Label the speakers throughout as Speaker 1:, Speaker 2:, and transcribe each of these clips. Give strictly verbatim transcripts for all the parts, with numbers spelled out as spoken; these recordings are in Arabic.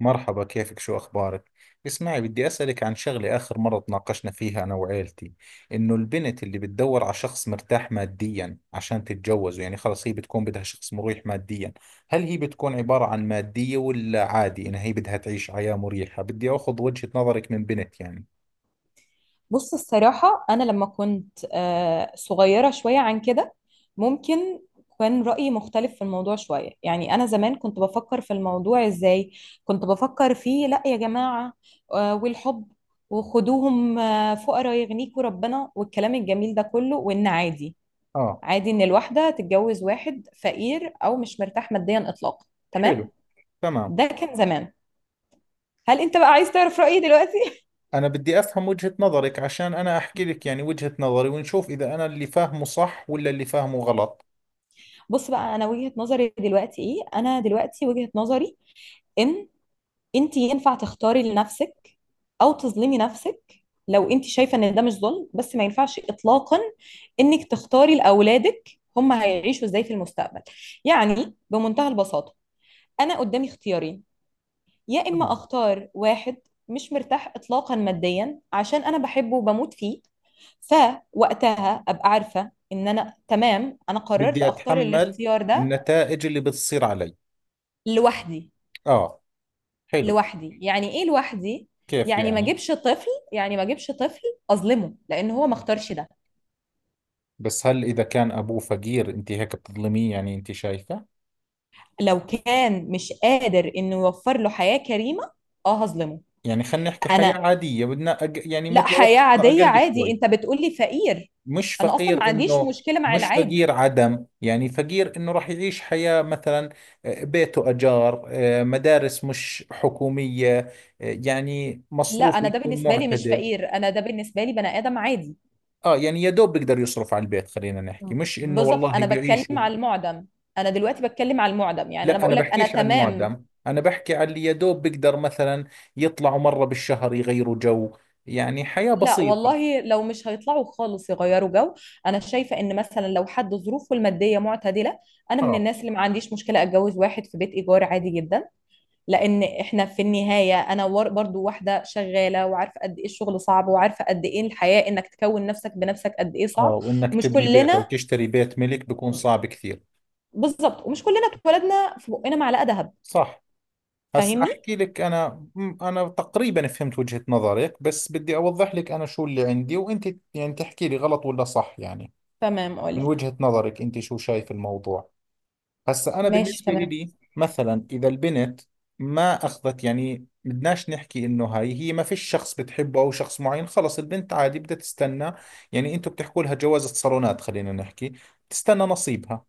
Speaker 1: مرحبا كيفك شو أخبارك؟ اسمعي بدي أسألك عن شغلة آخر مرة تناقشنا فيها أنا وعيلتي إنه البنت اللي بتدور على شخص مرتاح ماديا عشان تتجوزه يعني خلص هي بتكون بدها شخص مريح ماديا هل هي بتكون عبارة عن مادية ولا عادي إنها هي بدها تعيش حياة مريحة؟ بدي أخذ وجهة نظرك من بنت يعني.
Speaker 2: بص، الصراحة أنا لما كنت آه، صغيرة شوية عن كده، ممكن كان رأيي مختلف في الموضوع شوية. يعني أنا زمان كنت بفكر في الموضوع إزاي؟ كنت بفكر فيه لأ يا جماعة، آه، والحب، وخدوهم آه، فقراء يغنيكوا ربنا والكلام الجميل ده كله. وإن عادي،
Speaker 1: آه.
Speaker 2: عادي إن الواحدة تتجوز واحد فقير أو مش مرتاح ماديا إطلاقا. تمام.
Speaker 1: حلو. تمام.
Speaker 2: ده كان زمان. هل أنت بقى عايز تعرف رأيي دلوقتي؟
Speaker 1: أنا بدي أفهم وجهة نظرك عشان أنا أحكي لك يعني وجهة نظري ونشوف إذا أنا اللي فاهمه صح ولا اللي فاهمه غلط.
Speaker 2: بص بقى، أنا وجهة نظري دلوقتي إيه؟ أنا دلوقتي وجهة نظري ان انت ينفع تختاري لنفسك او تظلمي نفسك لو انت شايفه ان ده مش ظلم. بس ما ينفعش اطلاقا انك تختاري لاولادك هم هيعيشوا ازاي في المستقبل. يعني بمنتهى البساطه، انا قدامي اختيارين. يا اما
Speaker 1: تمام،
Speaker 2: اختار واحد مش مرتاح اطلاقا ماديا عشان انا بحبه وبموت فيه، فوقتها ابقى عارفه ان انا تمام، انا قررت
Speaker 1: بدي
Speaker 2: اختار
Speaker 1: أتحمل
Speaker 2: الاختيار ده
Speaker 1: النتائج اللي بتصير علي.
Speaker 2: لوحدي.
Speaker 1: آه، حلو.
Speaker 2: لوحدي يعني ايه لوحدي؟
Speaker 1: كيف
Speaker 2: يعني ما
Speaker 1: يعني؟
Speaker 2: اجيبش طفل، يعني ما اجيبش طفل اظلمه لان هو ما اختارش ده.
Speaker 1: بس هل إذا كان أبوه فقير أنت هيك بتظلميه يعني أنت شايفة؟
Speaker 2: لو كان مش قادر انه يوفر له حياة كريمة، اه هظلمه.
Speaker 1: يعني خلينا نحكي حياة
Speaker 2: انا،
Speaker 1: عادية بدنا أق... يعني
Speaker 2: لا
Speaker 1: متوسطة
Speaker 2: حياة عادية
Speaker 1: أقل
Speaker 2: عادي،
Speaker 1: شوي.
Speaker 2: انت بتقولي فقير.
Speaker 1: مش
Speaker 2: انا اصلا ما
Speaker 1: فقير
Speaker 2: عنديش
Speaker 1: إنه،
Speaker 2: مشكلة مع
Speaker 1: مش فقير
Speaker 2: العادي.
Speaker 1: عدم يعني فقير إنه راح يعيش حياة مثلا آه، بيته أجار، آه، مدارس مش حكومية، آه، يعني
Speaker 2: لا،
Speaker 1: مصروفه
Speaker 2: انا ده
Speaker 1: يكون
Speaker 2: بالنسبة لي مش
Speaker 1: معتدل.
Speaker 2: فقير، انا ده بالنسبة لي بني ادم عادي.
Speaker 1: اه يعني يا دوب بيقدر يصرف على البيت، خلينا نحكي مش انه
Speaker 2: بالظبط،
Speaker 1: والله
Speaker 2: انا
Speaker 1: بيعيش.
Speaker 2: بتكلم على المعدم، انا دلوقتي بتكلم على المعدم. يعني انا
Speaker 1: لا انا
Speaker 2: بقول لك انا
Speaker 1: بحكيش عن
Speaker 2: تمام.
Speaker 1: المعدم، انا بحكي عن اللي يا دوب بيقدر مثلا يطلعوا مرة بالشهر يغيروا جو، يعني حياة
Speaker 2: لا
Speaker 1: بسيطة.
Speaker 2: والله، لو مش هيطلعوا خالص يغيروا جو، انا شايفه ان مثلا لو حد ظروفه الماديه معتدله، انا من
Speaker 1: اه.
Speaker 2: الناس اللي ما عنديش مشكله اتجوز واحد في بيت ايجار عادي جدا. لان احنا في النهايه، انا ور- برضو واحده شغاله وعارفه قد ايه الشغل صعب وعارفه قد ايه الحياه انك تكون نفسك بنفسك قد ايه
Speaker 1: اه
Speaker 2: صعب.
Speaker 1: وانك
Speaker 2: ومش
Speaker 1: تبني بيت او
Speaker 2: كلنا،
Speaker 1: تشتري بيت ملك بيكون صعب كثير.
Speaker 2: بالظبط ومش كلنا اتولدنا في بقنا معلقه ذهب.
Speaker 1: صح. هسا
Speaker 2: فاهمني؟
Speaker 1: احكي لك انا م- انا تقريبا فهمت وجهة نظرك بس بدي اوضح لك انا شو اللي عندي وانت يعني تحكي لي غلط ولا صح يعني.
Speaker 2: تمام،
Speaker 1: من
Speaker 2: قولي.
Speaker 1: وجهة نظرك انت شو شايف الموضوع؟ هسا انا
Speaker 2: ماشي
Speaker 1: بالنسبه
Speaker 2: تمام.
Speaker 1: إلي مثلا اذا البنت ما اخذت يعني بدناش نحكي انه هاي هي ما فيش شخص بتحبه او شخص معين خلص البنت عادي بدها تستنى، يعني انتوا بتحكوا لها جوازة صالونات خلينا نحكي، تستنى نصيبها.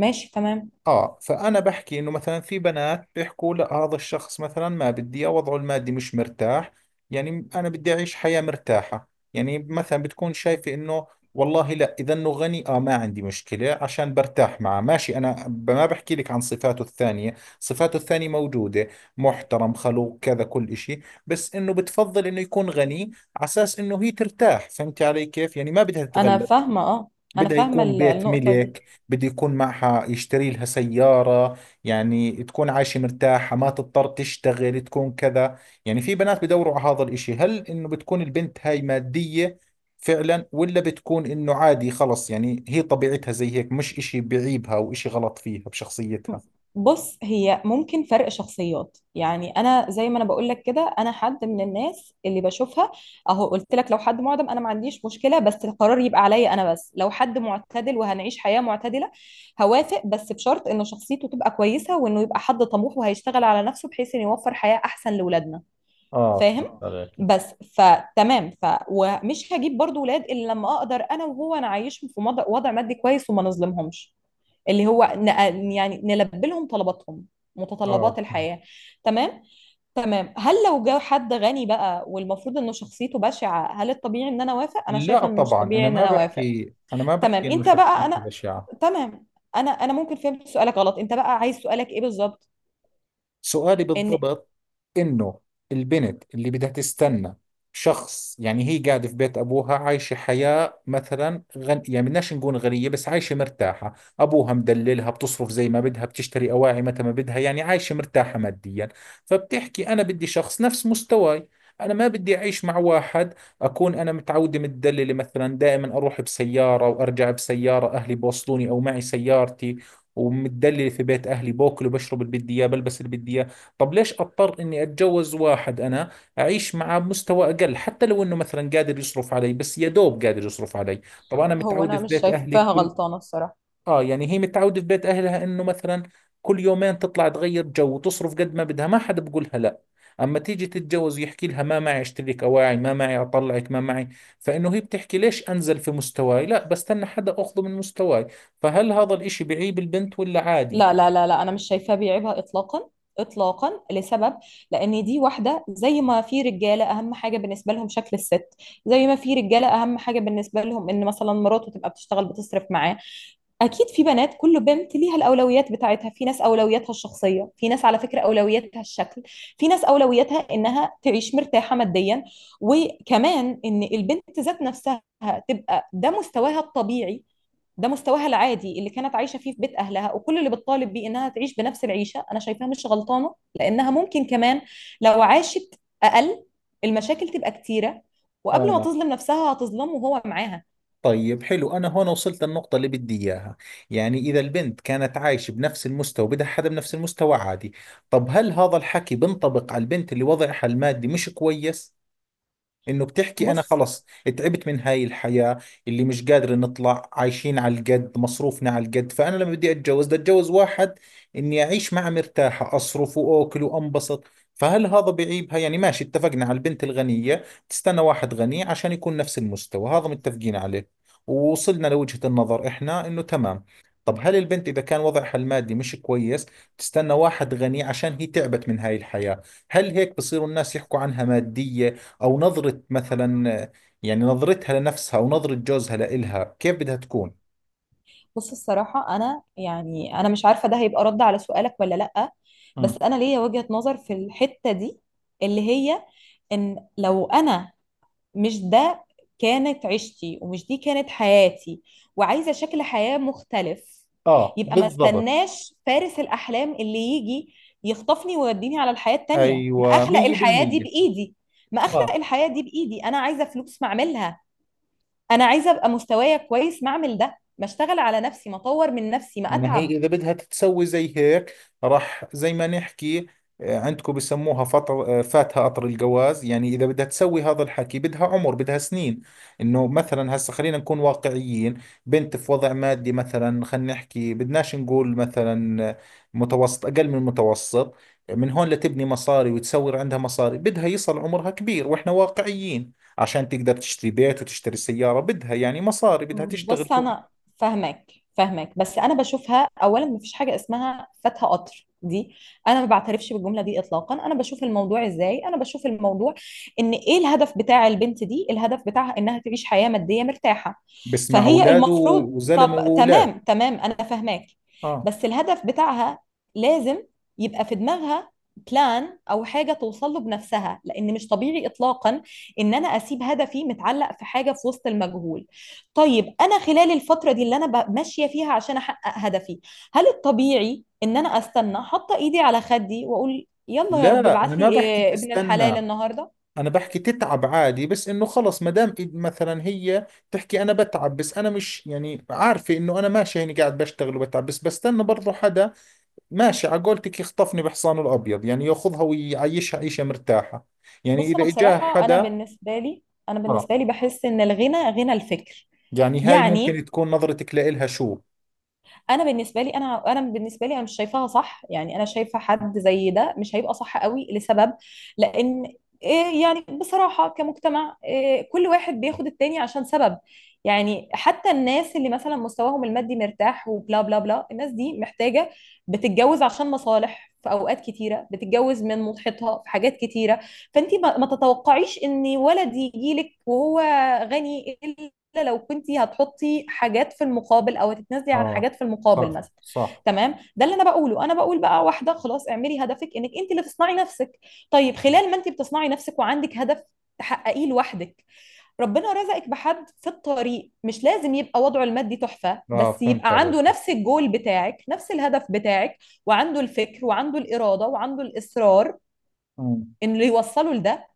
Speaker 2: ماشي تمام،
Speaker 1: اه فانا بحكي انه مثلا في بنات بيحكوا لا هذا الشخص مثلا ما بدي إياه، وضعه المادي مش مرتاح يعني انا بدي اعيش حياة مرتاحة. يعني مثلا بتكون شايفة انه والله لا اذا انه غني اه ما عندي مشكلة عشان برتاح معه ماشي انا ب- ما بحكي لك عن صفاته الثانية، صفاته الثانية موجودة محترم خلوق كذا كل اشي، بس انه بتفضل انه يكون غني على اساس انه هي ترتاح فهمتي علي كيف يعني ما بدها
Speaker 2: انا
Speaker 1: تتغلب،
Speaker 2: فاهمه اه. انا
Speaker 1: بدها
Speaker 2: فاهمه
Speaker 1: يكون
Speaker 2: ال-
Speaker 1: بيت
Speaker 2: النقطه دي.
Speaker 1: ملك، بده يكون معها يشتري لها سيارة يعني تكون عايشة مرتاحة ما تضطر تشتغل تكون كذا. يعني في بنات بدوروا على هذا الاشي هل انه بتكون البنت هاي مادية فعلا ولا بتكون انه عادي خلص يعني هي طبيعتها زي هيك مش اشي بعيبها او اشي غلط فيها بشخصيتها؟
Speaker 2: بص، هي ممكن فرق شخصيات. يعني انا زي ما انا بقول لك كده، انا حد من الناس اللي بشوفها، اهو قلت لك لو حد معدم انا ما عنديش مشكله بس القرار يبقى عليا انا. بس لو حد معتدل وهنعيش حياه معتدله، هوافق بس بشرط ان شخصيته تبقى كويسه وانه يبقى حد طموح وهيشتغل على نفسه بحيث انه يوفر حياه احسن لاولادنا.
Speaker 1: اه
Speaker 2: فاهم؟
Speaker 1: فهمت
Speaker 2: اه.
Speaker 1: عليك.
Speaker 2: بس، فتمام. ف ومش هجيب برضو ولاد الا لما اقدر انا وهو نعيشهم في مض- وضع مادي كويس وما نظلمهمش، اللي هو ن- يعني نلبي لهم طلباتهم،
Speaker 1: اه.
Speaker 2: متطلبات الحياة. تمام. تمام، هل لو جه حد غني بقى والمفروض انه شخصيته بشعة، هل الطبيعي ان انا اوافق؟ انا
Speaker 1: لا
Speaker 2: شايفة انه مش
Speaker 1: طبعا
Speaker 2: طبيعي
Speaker 1: انا
Speaker 2: ان
Speaker 1: ما
Speaker 2: انا اوافق.
Speaker 1: بحكي انا ما
Speaker 2: تمام،
Speaker 1: بحكي انه
Speaker 2: انت بقى،
Speaker 1: شخصيتي
Speaker 2: انا
Speaker 1: بشعة.
Speaker 2: تمام. انا انا ممكن فهمت سؤالك غلط. انت بقى عايز سؤالك ايه بالظبط؟
Speaker 1: سؤالي
Speaker 2: ان،
Speaker 1: بالضبط إنه البنت اللي بدها تستنى شخص، يعني هي قاعدة في بيت أبوها عايشة حياة مثلا غن... يعني بدناش نقول غنية بس عايشة مرتاحة، أبوها مدللها بتصرف زي ما بدها بتشتري أواعي متى ما بدها يعني عايشة مرتاحة ماديا. فبتحكي أنا بدي شخص نفس مستواي، أنا ما بدي أعيش مع واحد أكون أنا متعودة متدللة مثلا دائما أروح بسيارة وأرجع بسيارة، أهلي بوصلوني أو معي سيارتي ومتدلل في بيت اهلي باكل وبشرب اللي بدي اياه بلبس اللي بدي اياه، طب ليش اضطر اني اتجوز واحد انا اعيش معه بمستوى اقل، حتى لو انه مثلا قادر يصرف علي بس يا دوب قادر يصرف علي، طب انا
Speaker 2: هو
Speaker 1: متعود
Speaker 2: انا
Speaker 1: في
Speaker 2: مش
Speaker 1: بيت اهلي
Speaker 2: شايفاها
Speaker 1: كل.
Speaker 2: غلطانة الصراحة.
Speaker 1: اه يعني هي متعودة في بيت اهلها انه مثلا كل يومين تطلع تغير جو وتصرف قد ما بدها ما حدا بقولها لا، اما تيجي تتجوز يحكي لها ما معي اشتري لك اواعي ما معي اطلعك ما معي، فانه هي بتحكي ليش انزل في مستواي، لا بستنى حدا اخذه من مستواي. فهل هذا الاشي بعيب البنت ولا عادي؟
Speaker 2: لا لا لا لا انا مش شايفاه بيعيبها اطلاقا، اطلاقا لسبب. لان دي واحده زي ما في رجاله اهم حاجه بالنسبه لهم شكل الست، زي ما في رجاله اهم حاجه بالنسبه لهم ان مثلا مراته تبقى بتشتغل بتصرف معاه. اكيد في بنات، كل بنت ليها الاولويات بتاعتها، في ناس اولوياتها الشخصيه، في ناس على فكره اولوياتها الشكل، في ناس اولوياتها انها تعيش مرتاحه ماديا. وكمان ان البنت ذات نفسها تبقى ده مستواها الطبيعي، ده مستواها العادي اللي كانت عايشه فيه في بيت اهلها، وكل اللي بتطالب بيه انها تعيش بنفس العيشه، انا شايفاها مش غلطانه. لانها ممكن كمان لو عاشت اقل، المشاكل تبقى كتيره، وقبل ما
Speaker 1: اه.
Speaker 2: تظلم نفسها هتظلمه وهو معاها.
Speaker 1: طيب حلو، أنا هون وصلت للنقطة اللي بدي إياها. يعني إذا البنت كانت عايشة بنفس المستوى بدها حدا بنفس المستوى عادي، طب هل هذا الحكي بنطبق على البنت اللي وضعها المادي مش كويس انه بتحكي انا
Speaker 2: بص
Speaker 1: خلص تعبت من هاي الحياة اللي مش قادر نطلع عايشين على القد مصروفنا على القد، فانا لما بدي اتجوز بدي اتجوز واحد اني اعيش معه مرتاحة اصرف واكل وانبسط، فهل هذا بعيبها؟ يعني ماشي اتفقنا على البنت الغنية تستنى واحد غني عشان يكون نفس المستوى هذا متفقين عليه ووصلنا لوجهة النظر احنا انه تمام. طب هل البنت اذا كان وضعها المادي مش كويس تستنى واحد غني عشان هي تعبت من هاي الحياة، هل هيك بصيروا الناس يحكوا عنها مادية او نظرة مثلا، يعني نظرتها لنفسها او نظرة جوزها لإلها كيف بدها تكون؟
Speaker 2: بص الصراحه، انا يعني انا مش عارفه ده هيبقى رد على سؤالك ولا لا، بس
Speaker 1: مم.
Speaker 2: انا ليا وجهه نظر في الحته دي، اللي هي ان لو انا مش ده كانت عيشتي ومش دي كانت حياتي، وعايزة شكل حياة مختلف،
Speaker 1: اه
Speaker 2: يبقى ما
Speaker 1: بالضبط.
Speaker 2: استناش فارس الأحلام اللي يجي يخطفني ويوديني على الحياة التانية. ما
Speaker 1: ايوه
Speaker 2: أخلق الحياة دي
Speaker 1: مئة بالمئة.
Speaker 2: بإيدي. ما أخلق
Speaker 1: اه
Speaker 2: الحياة دي بإيدي. أنا عايزة فلوس، ما أعملها. أنا عايزة أبقى مستوايا كويس، ما أعمل ده، ما أشتغل على نفسي، ما أطور من نفسي، ما
Speaker 1: ما هي
Speaker 2: أتعب.
Speaker 1: إذا بدها تتسوي زي هيك، راح زي ما نحكي، آه، عندكم بسموها فطر، آه، فاتها قطر الجواز، يعني إذا بدها تسوي هذا الحكي بدها عمر بدها سنين، إنه مثلا هسا خلينا نكون واقعيين، بنت في وضع مادي مثلا خلينا نحكي بدناش نقول مثلا آه، متوسط أقل من المتوسط، من هون لتبني مصاري وتسوي عندها مصاري بدها يصل عمرها كبير وإحنا واقعيين عشان تقدر تشتري بيت وتشتري سيارة بدها يعني مصاري بدها تشتغل
Speaker 2: بص
Speaker 1: شغل.
Speaker 2: انا فاهمك فاهمك بس انا بشوفها اولا مفيش حاجه اسمها فاتها قطر دي، انا ما بعترفش بالجمله دي اطلاقا. انا بشوف الموضوع ازاي؟ انا بشوف الموضوع ان ايه الهدف بتاع البنت دي؟ الهدف بتاعها انها تعيش حياه ماديه مرتاحه.
Speaker 1: بس مع
Speaker 2: فهي
Speaker 1: اولاده
Speaker 2: المفروض،
Speaker 1: وزلمه
Speaker 2: طب
Speaker 1: واولاد.
Speaker 2: تمام تمام انا فاهماك.
Speaker 1: اه
Speaker 2: بس الهدف بتاعها لازم يبقى في دماغها بلان او حاجه توصل له بنفسها. لان مش طبيعي اطلاقا ان انا اسيب هدفي متعلق في حاجه في وسط المجهول. طيب انا خلال الفتره دي اللي انا ب- ماشيه فيها عشان احقق هدفي، هل الطبيعي ان انا استنى حاطه ايدي على خدي واقول يلا يا رب
Speaker 1: لا انا
Speaker 2: ابعت لي
Speaker 1: ما بحكي
Speaker 2: إيه ابن الحلال
Speaker 1: تستنى،
Speaker 2: النهارده؟
Speaker 1: انا بحكي تتعب عادي بس انه خلص ما دام إد- مثلا هي تحكي انا بتعب بس انا مش يعني عارفه انه انا ماشي هيني قاعد بشتغل وبتعب بس بستنى برضه حدا ماشي على قولتك يخطفني بحصانه الابيض يعني ياخذها ويعيشها عيشه مرتاحه، يعني
Speaker 2: بص انا
Speaker 1: اذا اجاها
Speaker 2: بصراحه، انا
Speaker 1: حدا.
Speaker 2: بالنسبه لي، انا
Speaker 1: اه
Speaker 2: بالنسبه لي بحس ان الغنى غنى الفكر.
Speaker 1: يعني هاي
Speaker 2: يعني
Speaker 1: ممكن تكون نظرتك لإلها شو.
Speaker 2: انا بالنسبه لي، انا انا بالنسبه لي انا مش شايفاها صح. يعني انا شايفه حد زي ده مش هيبقى صح قوي لسبب. لان إيه؟ يعني بصراحه كمجتمع، إيه؟ كل واحد بياخد التاني عشان سبب. يعني حتى الناس اللي مثلا مستواهم المادي مرتاح وبلا بلا بلا، الناس دي محتاجه، بتتجوز عشان مصالح في اوقات كتيره، بتتجوز من مضحيتها في حاجات كتيره. فانت ما ما تتوقعيش ان ولد يجي لك وهو غني الا لو كنتي هتحطي حاجات في المقابل او هتتنازلي عن
Speaker 1: اه
Speaker 2: حاجات في المقابل
Speaker 1: صح
Speaker 2: مثلا.
Speaker 1: صح.
Speaker 2: تمام، ده اللي انا بقوله. انا بقول بقى واحده خلاص اعملي هدفك، انك انت اللي تصنعي نفسك. طيب خلال ما انت بتصنعي نفسك وعندك هدف تحققيه لوحدك، ربنا رزقك بحد في الطريق، مش لازم يبقى وضعه المادي تحفة
Speaker 1: اه
Speaker 2: بس
Speaker 1: فهمت
Speaker 2: يبقى عنده نفس الجول بتاعك، نفس الهدف بتاعك، وعنده الفكر وعنده الإرادة وعنده الإصرار
Speaker 1: عليك.
Speaker 2: إنه يوصله لده.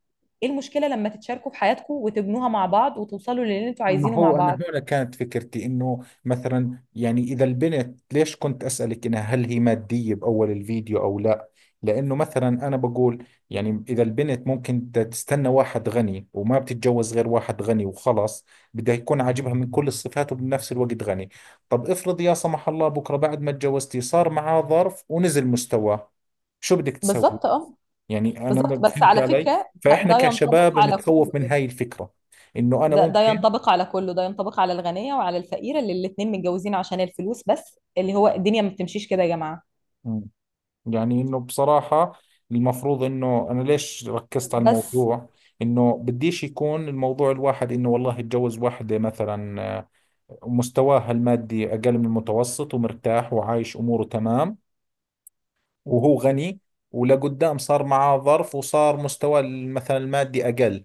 Speaker 2: ايه المشكلة لما تتشاركوا في حياتكم وتبنوها مع بعض وتوصلوا للي انتوا
Speaker 1: ما
Speaker 2: عايزينه مع
Speaker 1: هو أنا
Speaker 2: بعض؟
Speaker 1: هنا كانت فكرتي إنه مثلا يعني إذا البنت ليش كنت أسألك إنها هل هي مادية بأول الفيديو أو لا، لأنه مثلا أنا بقول يعني إذا البنت ممكن بدها تستنى واحد غني وما بتتجوز غير واحد غني وخلص، بدها يكون عاجبها من كل الصفات وبنفس الوقت غني، طب افرض يا سمح الله بكرة بعد ما تجوزتي صار معاه ظرف ونزل مستواه، شو بدك تسوي؟
Speaker 2: بالظبط اه،
Speaker 1: يعني أنا
Speaker 2: بالظبط.
Speaker 1: ما
Speaker 2: بس
Speaker 1: فهمت
Speaker 2: على
Speaker 1: علي
Speaker 2: فكرة ده,
Speaker 1: فإحنا
Speaker 2: ده ينطبق
Speaker 1: كشباب
Speaker 2: على
Speaker 1: بنتخوف من
Speaker 2: كله،
Speaker 1: هاي الفكرة. إنه أنا
Speaker 2: ده, ده
Speaker 1: ممكن،
Speaker 2: ينطبق على كله. ده ينطبق على الغنية وعلى الفقيرة اللي الاتنين متجوزين عشان الفلوس بس، اللي هو الدنيا ما بتمشيش كده يا جماعة.
Speaker 1: يعني انه بصراحة المفروض انه انا ليش ركزت على
Speaker 2: بس،
Speaker 1: الموضوع، انه بديش يكون الموضوع الواحد انه والله يتجوز واحدة مثلا آه، مستواها المادي اقل من المتوسط ومرتاح وعايش اموره تمام، وهو غني ولقدام صار معاه ظرف وصار مستواه مثلا المادي اقل،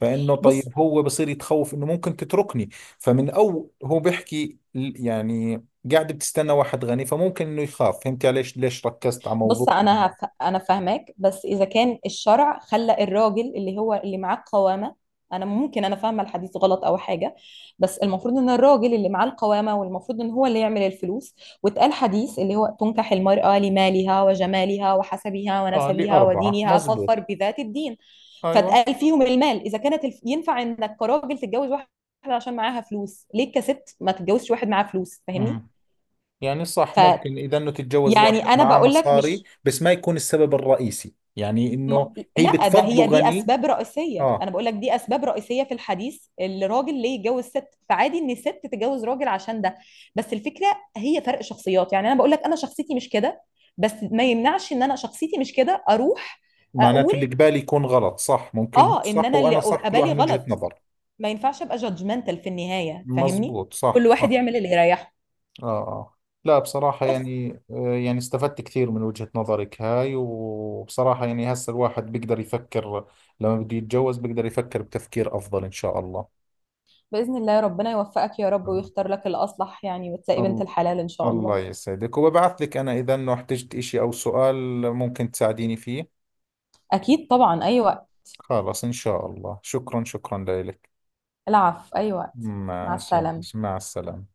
Speaker 1: فانه
Speaker 2: بص
Speaker 1: طيب هو بصير يتخوف انه ممكن تتركني، فمن او هو بيحكي ال- يعني قاعد بتستنى واحد غني فممكن انه يخاف، فهمت علي ليش ليش ركزت على
Speaker 2: بص
Speaker 1: موضوع.
Speaker 2: انا هف... انا فاهماك. بس اذا كان الشرع خلى الراجل اللي هو اللي معاه القوامه، انا ممكن انا فاهمه الحديث غلط او حاجه، بس المفروض ان الراجل اللي معاه القوامه، والمفروض ان هو اللي يعمل الفلوس. واتقال حديث اللي هو تنكح المرأة لمالها وجمالها وحسبها
Speaker 1: اه
Speaker 2: ونسبها
Speaker 1: لأربعة
Speaker 2: ودينها فاظفر
Speaker 1: مزبوط.
Speaker 2: بذات الدين.
Speaker 1: أيوة.
Speaker 2: فاتقال فيهم المال. اذا كانت الف... ينفع انك كراجل تتجوز واحده عشان معاها فلوس، ليه كست ما تتجوزش واحد معاه فلوس؟ فاهمني؟
Speaker 1: امم، يعني صح
Speaker 2: ف...
Speaker 1: ممكن إذا أنه تتجوز
Speaker 2: يعني
Speaker 1: واحد
Speaker 2: انا
Speaker 1: معاه
Speaker 2: بقول لك
Speaker 1: مصاري
Speaker 2: مش،
Speaker 1: بس ما يكون السبب الرئيسي، يعني أنه
Speaker 2: ما-
Speaker 1: هي
Speaker 2: لا ده
Speaker 1: بتفضله
Speaker 2: هي دي
Speaker 1: غني.
Speaker 2: اسباب رئيسيه، انا
Speaker 1: آه.
Speaker 2: بقول لك دي اسباب رئيسيه في الحديث الراجل ليه يتجوز ست. فعادي ان الست تتجوز راجل عشان ده. بس الفكره هي فرق شخصيات. يعني انا بقول لك انا شخصيتي مش كده، بس ما يمنعش ان انا شخصيتي مش كده اروح
Speaker 1: معناته
Speaker 2: اقول
Speaker 1: اللي قبالي يكون غلط؟ صح ممكن هو
Speaker 2: اه ان
Speaker 1: صح
Speaker 2: انا
Speaker 1: وأنا
Speaker 2: اللي
Speaker 1: صح
Speaker 2: أبقى
Speaker 1: كل واحد
Speaker 2: بالي
Speaker 1: من وجهة
Speaker 2: غلط.
Speaker 1: نظر.
Speaker 2: ما ينفعش ابقى جادجمنتال في النهايه. فاهمني؟
Speaker 1: مزبوط
Speaker 2: كل
Speaker 1: صح
Speaker 2: واحد
Speaker 1: صح.
Speaker 2: يعمل اللي يريحه.
Speaker 1: آه آه. لا بصراحة
Speaker 2: بس
Speaker 1: يعني آه، يعني استفدت كثير من وجهة نظرك هاي، وبصراحة يعني هسه الواحد بيقدر يفكر لما بده يتجوز بيقدر يفكر بتفكير أفضل إن شاء الله.
Speaker 2: باذن الله، ربنا يوفقك يا رب ويختار لك الاصلح يعني وتلاقي بنت
Speaker 1: الله.
Speaker 2: الحلال ان شاء الله.
Speaker 1: الله يسعدك، وببعث لك أنا إذا أنه احتجت إشي أو سؤال ممكن تساعديني فيه.
Speaker 2: اكيد طبعا، ايوه.
Speaker 1: خلاص إن شاء الله، شكرا شكرا لك.
Speaker 2: العفو، أي وقت. مع
Speaker 1: ماشي
Speaker 2: السلامة.
Speaker 1: ماشي. مع السلامة.